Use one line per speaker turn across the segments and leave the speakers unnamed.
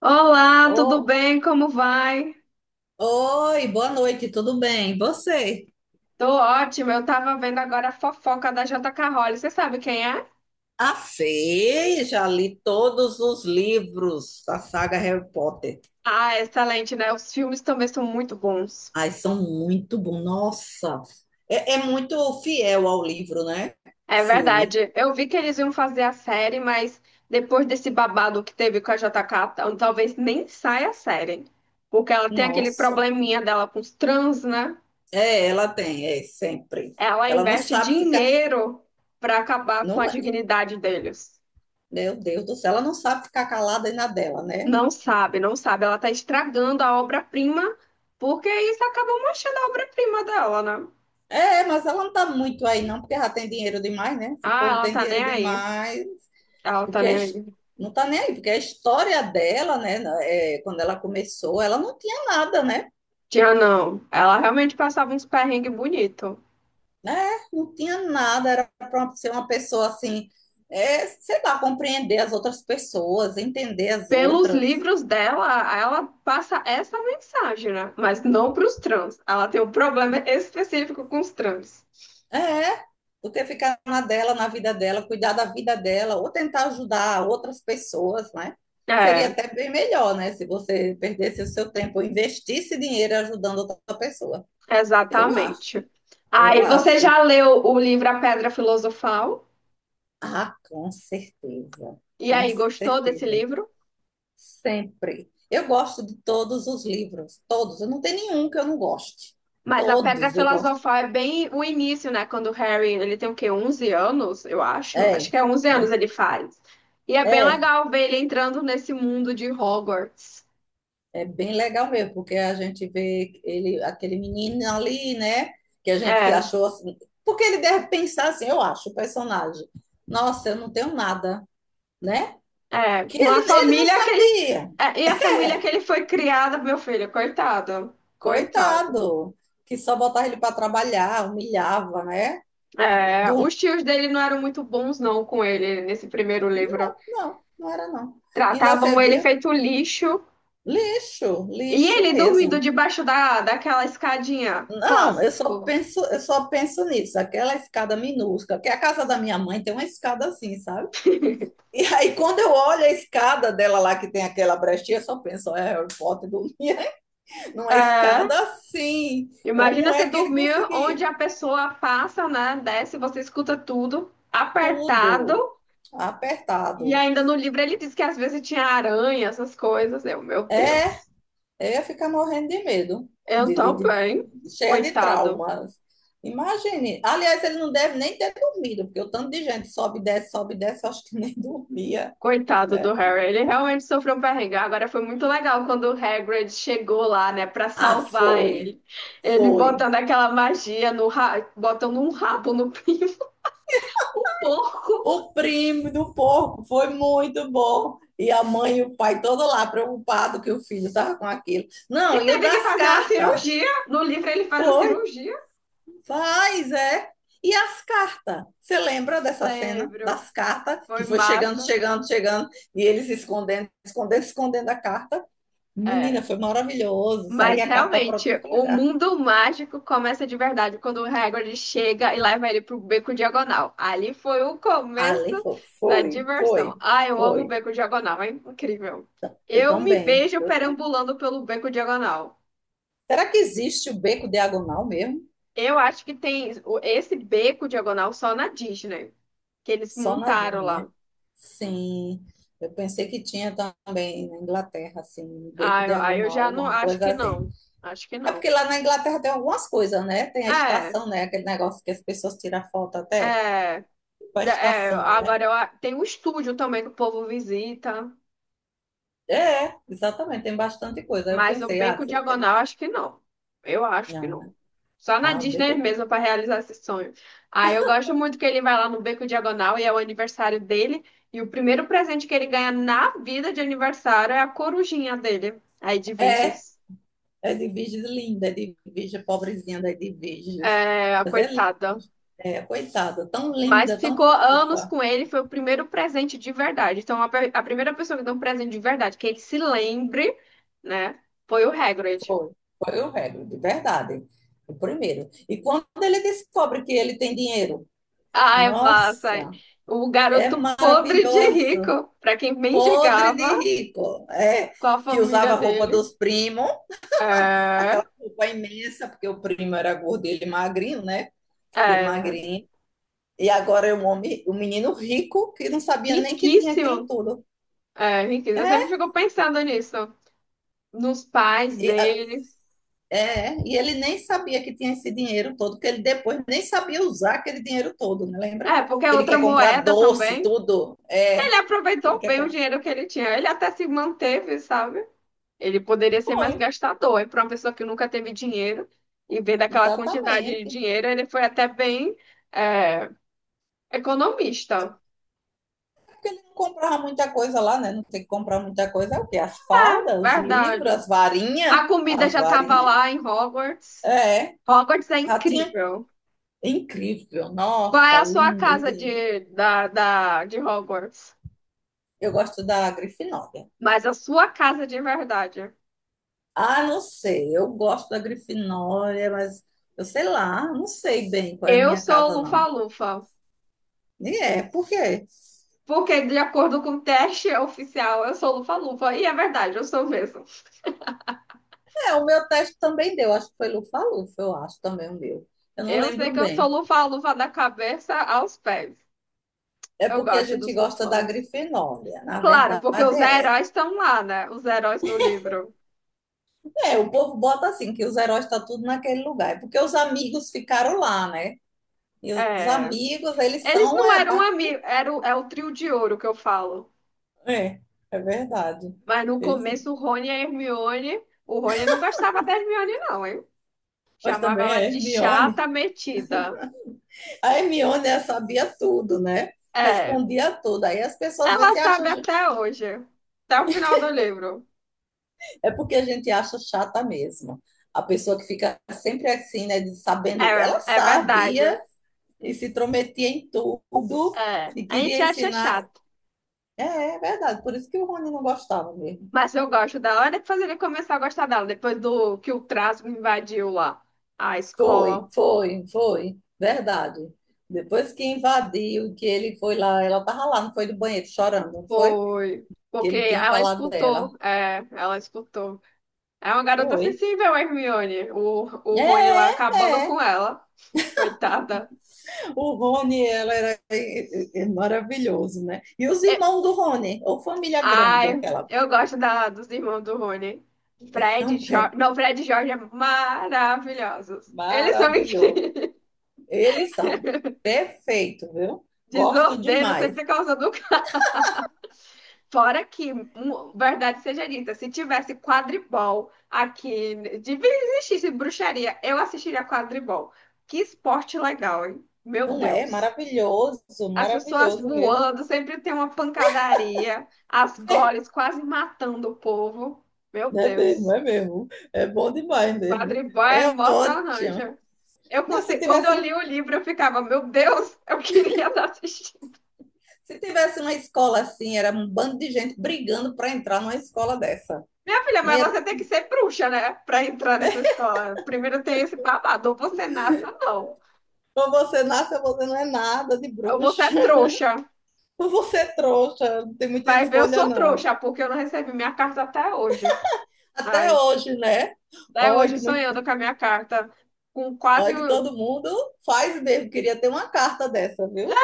Olá, tudo
Oh,
bem? Como vai?
oi, boa noite, tudo bem? E você?
Tô ótima. Eu tava vendo agora a fofoca da J.K. Rowling. Você sabe quem é?
A Fê, já li todos os livros da saga Harry Potter.
Ah, excelente, né? Os filmes também são muito bons.
Ai, são muito bons. Nossa, é muito fiel ao livro, né? O
É
filme.
verdade. Eu vi que eles iam fazer a série, mas depois desse babado que teve com a J.K., talvez nem saia a série. Porque ela tem aquele
Nossa.
probleminha dela com os trans, né?
É, ela tem, é sempre.
Ela
Ela não
investe
sabe ficar.
dinheiro pra acabar com a
Não é.
dignidade deles.
Meu Deus do céu, ela não sabe ficar calada aí na dela, né?
Não sabe, não sabe. Ela tá estragando a obra-prima, porque isso acaba manchando a obra-prima dela, né?
É, mas ela não tá muito aí, não, porque já tem dinheiro demais, né? Esse
Ah,
povo
ela
tem
tá nem
dinheiro
aí.
demais.
Ela tá
porque a
nem
his-
aí.
não está nem aí, porque a história dela, né, é, quando ela começou, ela não tinha nada, né?
Tinha não. Ela realmente passava uns perrengues bonito.
É, não tinha nada, era para ser uma pessoa assim, é, sei lá, compreender as outras pessoas, entender as
Pelos
outras.
livros dela, ela passa essa mensagem, né? Mas não pros trans. Ela tem um problema específico com os trans.
É, do que ficar na dela, na vida dela, cuidar da vida dela, ou tentar ajudar outras pessoas, né? Seria
É,
até bem melhor, né? Se você perdesse o seu tempo, investisse dinheiro ajudando outra pessoa. Eu acho,
exatamente.
eu
Aí, você
acho.
já leu o livro A Pedra Filosofal?
Ah,
E
com
aí, gostou desse
certeza,
livro?
sempre. Eu gosto de todos os livros, todos. Eu não tenho nenhum que eu não goste.
Mas a Pedra
Todos eu gosto.
Filosofal é bem o início, né? Quando o Harry, ele tem o quê? 11 anos, eu acho. Acho que
É,
é 11 anos ele faz. E é bem
é,
legal ver ele entrando nesse mundo de Hogwarts.
é bem legal mesmo, porque a gente vê ele, aquele menino ali, né? Que a gente que
É,
achou assim, porque ele deve pensar assim, eu acho, o personagem. Nossa, eu não tenho nada, né?
é.
Que
Com a
ele, ele não
família que ele...
sabia,
É, e a família que ele foi criada, meu filho, coitado. Coitado.
coitado, que só botava ele para trabalhar, humilhava, né?
É, os tios dele não eram muito bons, não, com ele nesse primeiro livro.
Não, não, não era não. Ainda
Tratavam ele
servia
feito lixo.
lixo,
E
lixo
ele
mesmo.
dormindo debaixo daquela escadinha.
Não,
Clássico.
eu só penso nisso, aquela escada minúscula, que a casa da minha mãe tem uma escada assim, sabe? E aí quando eu olho a escada dela lá que tem aquela brechinha, eu só penso, é Harry Potter dormia numa
É.
escada assim. Como
Imagina você
é que ele
dormir
conseguia?
onde a pessoa passa, né? Desce, você escuta tudo, apertado.
Tudo
E
apertado.
ainda no livro ele diz que às vezes tinha aranha, essas coisas. Eu, meu
É.
Deus.
Eu ia ficar morrendo de medo,
Eu também.
cheia de
Coitado.
traumas. Imagine. Aliás, ele não deve nem ter dormido, porque o tanto de gente sobe e desce, eu acho que nem dormia,
Coitado do
né?
Harry. Ele realmente sofreu um perrengue. Agora foi muito legal quando o Hagrid chegou lá, né, pra
Ah,
salvar
foi.
ele. Ele
Foi.
botando aquela magia no botando um rabo no pinto. O porco.
O primo do porco foi muito bom. E a mãe e o pai todo lá preocupado que o filho estava com aquilo.
Ele
Não, e o
teve que
das
fazer uma
cartas?
cirurgia. No livro ele faz a
Foi.
cirurgia.
Faz, é. E as cartas? Você lembra dessa cena
Lembro.
das cartas que
Foi
foi chegando,
massa.
chegando, chegando e eles escondendo, escondendo, escondendo a carta?
É.
Menina, foi maravilhoso.
Mas
Saía a carta para
realmente,
tudo que
o
legal.
mundo mágico começa de verdade quando o Hagrid chega e leva ele pro beco diagonal. Ali foi o começo
Ali foi,
da
foi,
diversão.
foi,
Ah, eu amo o
foi.
beco diagonal, é incrível.
Eu
Eu me
também,
vejo
eu também.
perambulando pelo beco diagonal.
Será que existe o beco diagonal mesmo?
Eu acho que tem esse beco diagonal só na Disney, que eles
Só na
montaram
Disney,
lá.
né? Sim. Eu pensei que tinha também na Inglaterra, assim, um beco
Ah, aí eu
diagonal,
já não
alguma
acho
coisa
que
assim.
não. Acho que
É
não.
porque lá na Inglaterra tem algumas coisas, né? Tem a
É,
estação, né? Aquele negócio que as pessoas tiram foto até,
é.
tipo a
É,
estação, né?
agora tem um estúdio também que o povo visita,
É, exatamente, tem bastante coisa. Aí eu
mas o
pensei,
Beco Diagonal acho que não. Eu acho que
não,
não.
né?
Só na
Ah, o beco
Disney mesmo para realizar esse sonho. Ah, eu gosto muito que ele vai lá no Beco Diagonal e é o aniversário dele. E o primeiro presente que ele ganha na vida de aniversário é a corujinha dele. Aí de
é,
Viges.
é de virgens linda, é de virgem pobrezinha, é de virgens.
É, a
Mas é, linda,
coitada.
é, coitada, tão
Mas
linda, tão
ficou anos
fofa.
com ele, foi o primeiro presente de verdade. Então, a primeira pessoa que deu um presente de verdade, que ele se lembre, né, foi o Hagrid.
Foi, foi o Hagrid, de verdade, o primeiro. E quando ele descobre que ele tem dinheiro,
Ai, massa!
nossa,
O
é
garoto podre de
maravilhoso.
rico, pra quem
Podre de
mendigava
rico, é,
com a
que usava
família
a roupa
dele.
dos primos,
É,
aquela roupa imensa, porque o primo era gordo e ele magrinho, né? Bem
é,
magrinho. E agora é um homem, um menino rico que não sabia nem que tinha aquilo
riquíssimo.
tudo.
É, riquíssimo. Eu sempre
É,
fico pensando nisso, nos pais
e, a-
deles.
é, e ele nem sabia que tinha esse dinheiro todo, que ele depois nem sabia usar aquele dinheiro todo, né? Lembra?
É, porque é
Que ele
outra
quer comprar
moeda
doce,
também.
tudo. É,
Ele
que ele
aproveitou
quer
bem o
comprar.
dinheiro que ele tinha. Ele até se manteve, sabe? Ele poderia ser
Foi,
mais gastador. E para uma pessoa que nunca teve dinheiro, em vez daquela quantidade de
exatamente.
dinheiro, ele foi até bem é, economista.
Porque ele não comprava muita coisa lá, né? Não tem que comprar muita coisa. É o quê? As fadas, os livros,
Verdade.
as varinhas.
A comida
As
já estava
varinhas.
lá em Hogwarts.
É,
Hogwarts é
já tinha.
incrível.
É incrível.
Qual é
Nossa,
a sua
lindo,
casa
lindo.
de Hogwarts?
Eu gosto da Grifinória.
Mas a sua casa de verdade.
Ah, não sei. Eu gosto da Grifinória, mas eu sei lá, não sei bem qual é a
Eu
minha
sou
casa, não.
Lufa-Lufa.
E é, por quê?
Porque, de acordo com o teste oficial, eu sou Lufa-Lufa. E é verdade, eu sou mesmo.
É, o meu teste também deu. Acho que foi Lufa-Lufa, eu acho também o meu. Eu não
Eu sei
lembro
que eu sou
bem.
luva-luva da cabeça aos pés.
É
Eu
porque a
gosto dos
gente gosta da
lufanos.
Grifinória. Na
Claro, porque
verdade,
os
é
heróis estão lá, né? Os heróis do livro.
é, o povo bota assim, que os heróis estão tudo naquele lugar. É porque os amigos ficaram lá, né? E os
É.
amigos, eles
Eles
são
não
é, a
eram
parte.
amigos, era é o trio de ouro que eu falo.
É, é verdade.
Mas no
Eles...
começo, o Rony e a Hermione. O Rony não gostava da Hermione, não, hein?
Mas
Chamava
também
ela
a
de
Hermione.
chata metida.
A Hermione ela sabia tudo, né?
É.
Respondia tudo. Aí as pessoas às
Ela
vezes acham.
sabe até hoje. Até o final do livro.
É porque a gente acha chata mesmo. A pessoa que fica sempre assim, né?
É,
Sabendo. Ela
é verdade.
sabia e se intrometia em tudo
É.
e
A gente
queria
acha
ensinar.
chato.
É, é verdade. Por isso que o Rony não gostava mesmo.
Mas eu gosto dela. Ela depois ele começou a gostar dela, depois do que o Trasgo invadiu lá a
Foi,
escola.
foi, foi, verdade. Depois que invadiu, que ele foi lá, ela tava lá, não foi do banheiro chorando, não foi?
Foi.
Que
Porque
ele tinha
ela
falado dela.
escutou. É, ela escutou. É uma garota
Foi.
sensível, a Hermione. O
É,
Rony lá acabando
é.
com ela. Coitada.
O Rony, ela era maravilhoso, né? E os
É,
irmãos do Rony, ou família grande,
ai,
aquela
eu gosto dos irmãos do Rony. Fred,
também.
Jorge. Não, Fred e Jorge é maravilhosos. Eles são
Maravilhoso.
incríveis.
Eles são perfeitos, viu? Gosto
Desordeiro
demais.
sempre causando. Fora que, verdade seja dita, se tivesse quadribol aqui, devia existisse bruxaria, eu assistiria quadribol. Que esporte legal, hein? Meu
Não é?
Deus.
Maravilhoso,
As pessoas
maravilhoso mesmo.
voando, sempre tem uma pancadaria, as goles quase matando o povo. Meu
Não é mesmo,
Deus.
é mesmo. É bom demais mesmo.
Quadribol é
É
emocionante.
ótimo. Não, se
Quando
tivesse,
eu li
um-
o livro, eu ficava, meu Deus, eu queria estar assistindo.
Se tivesse uma escola assim, era um bando de gente brigando para entrar numa escola dessa.
Minha filha,
Não
mas
ia,
você tem que ser bruxa, né? Pra entrar nessa escola. Primeiro tem esse babado. Ou você nasce ou não.
Ou você nasce ou você não é nada de
Ou você é
bruxa.
trouxa.
Ou você é trouxa, não tem muita
Vai ver, eu
escolha,
sou
não.
trouxa, porque eu não recebi minha carta até hoje.
Até
Ai,
hoje, né?
até
Olha
hoje
que,
sonhando
muito-
com a minha carta. Com quase.
Olha que
o-
todo mundo faz mesmo. Queria ter uma carta dessa,
É,
viu?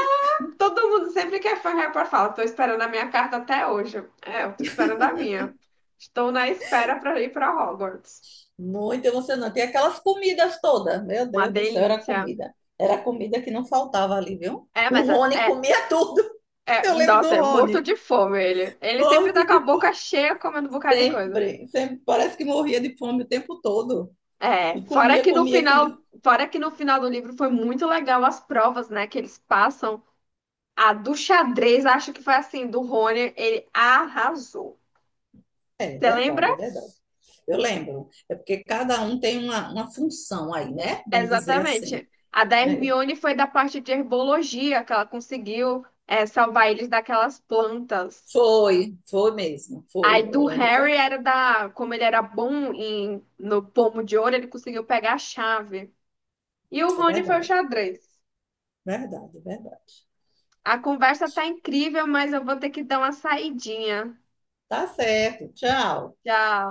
todo mundo sempre quer falar pra falar. Tô esperando a minha carta até hoje. É, eu tô esperando a minha. Estou na espera para ir para Hogwarts.
Muito emocionante. E aquelas comidas todas. Meu
Uma
Deus do céu, era
delícia.
comida. Era comida que não faltava ali, viu?
É,
O Rony comia tudo.
é,
Eu lembro
nossa,
do
é morto
Rony.
de fome ele. Ele sempre tá
Morto
com a
de fome.
boca cheia comendo um bocado de coisa.
Sempre, sempre. Parece que morria de fome o tempo todo.
É,
E
fora
comia,
que no
comia,
final,
comia.
fora que no final do livro foi muito legal as provas, né, que eles passam. A do xadrez, acho que foi assim, do Rony, ele arrasou.
É é
Você lembra?
verdade, é verdade. Eu lembro. É porque cada um tem uma função aí, né? Bem dizer assim.
Exatamente. A da
É.
Hermione foi da parte de herbologia, que ela conseguiu, salvar eles daquelas plantas.
Foi, foi mesmo. Foi.
Aí
Eu
do
lembro
Harry
bem.
era como ele era bom no pomo de ouro, ele conseguiu pegar a chave. E o
É
Rony foi o
verdade,
xadrez.
é verdade, é verdade.
A conversa tá incrível, mas eu vou ter que dar uma saidinha.
Tá certo. Tchau.
Tchau.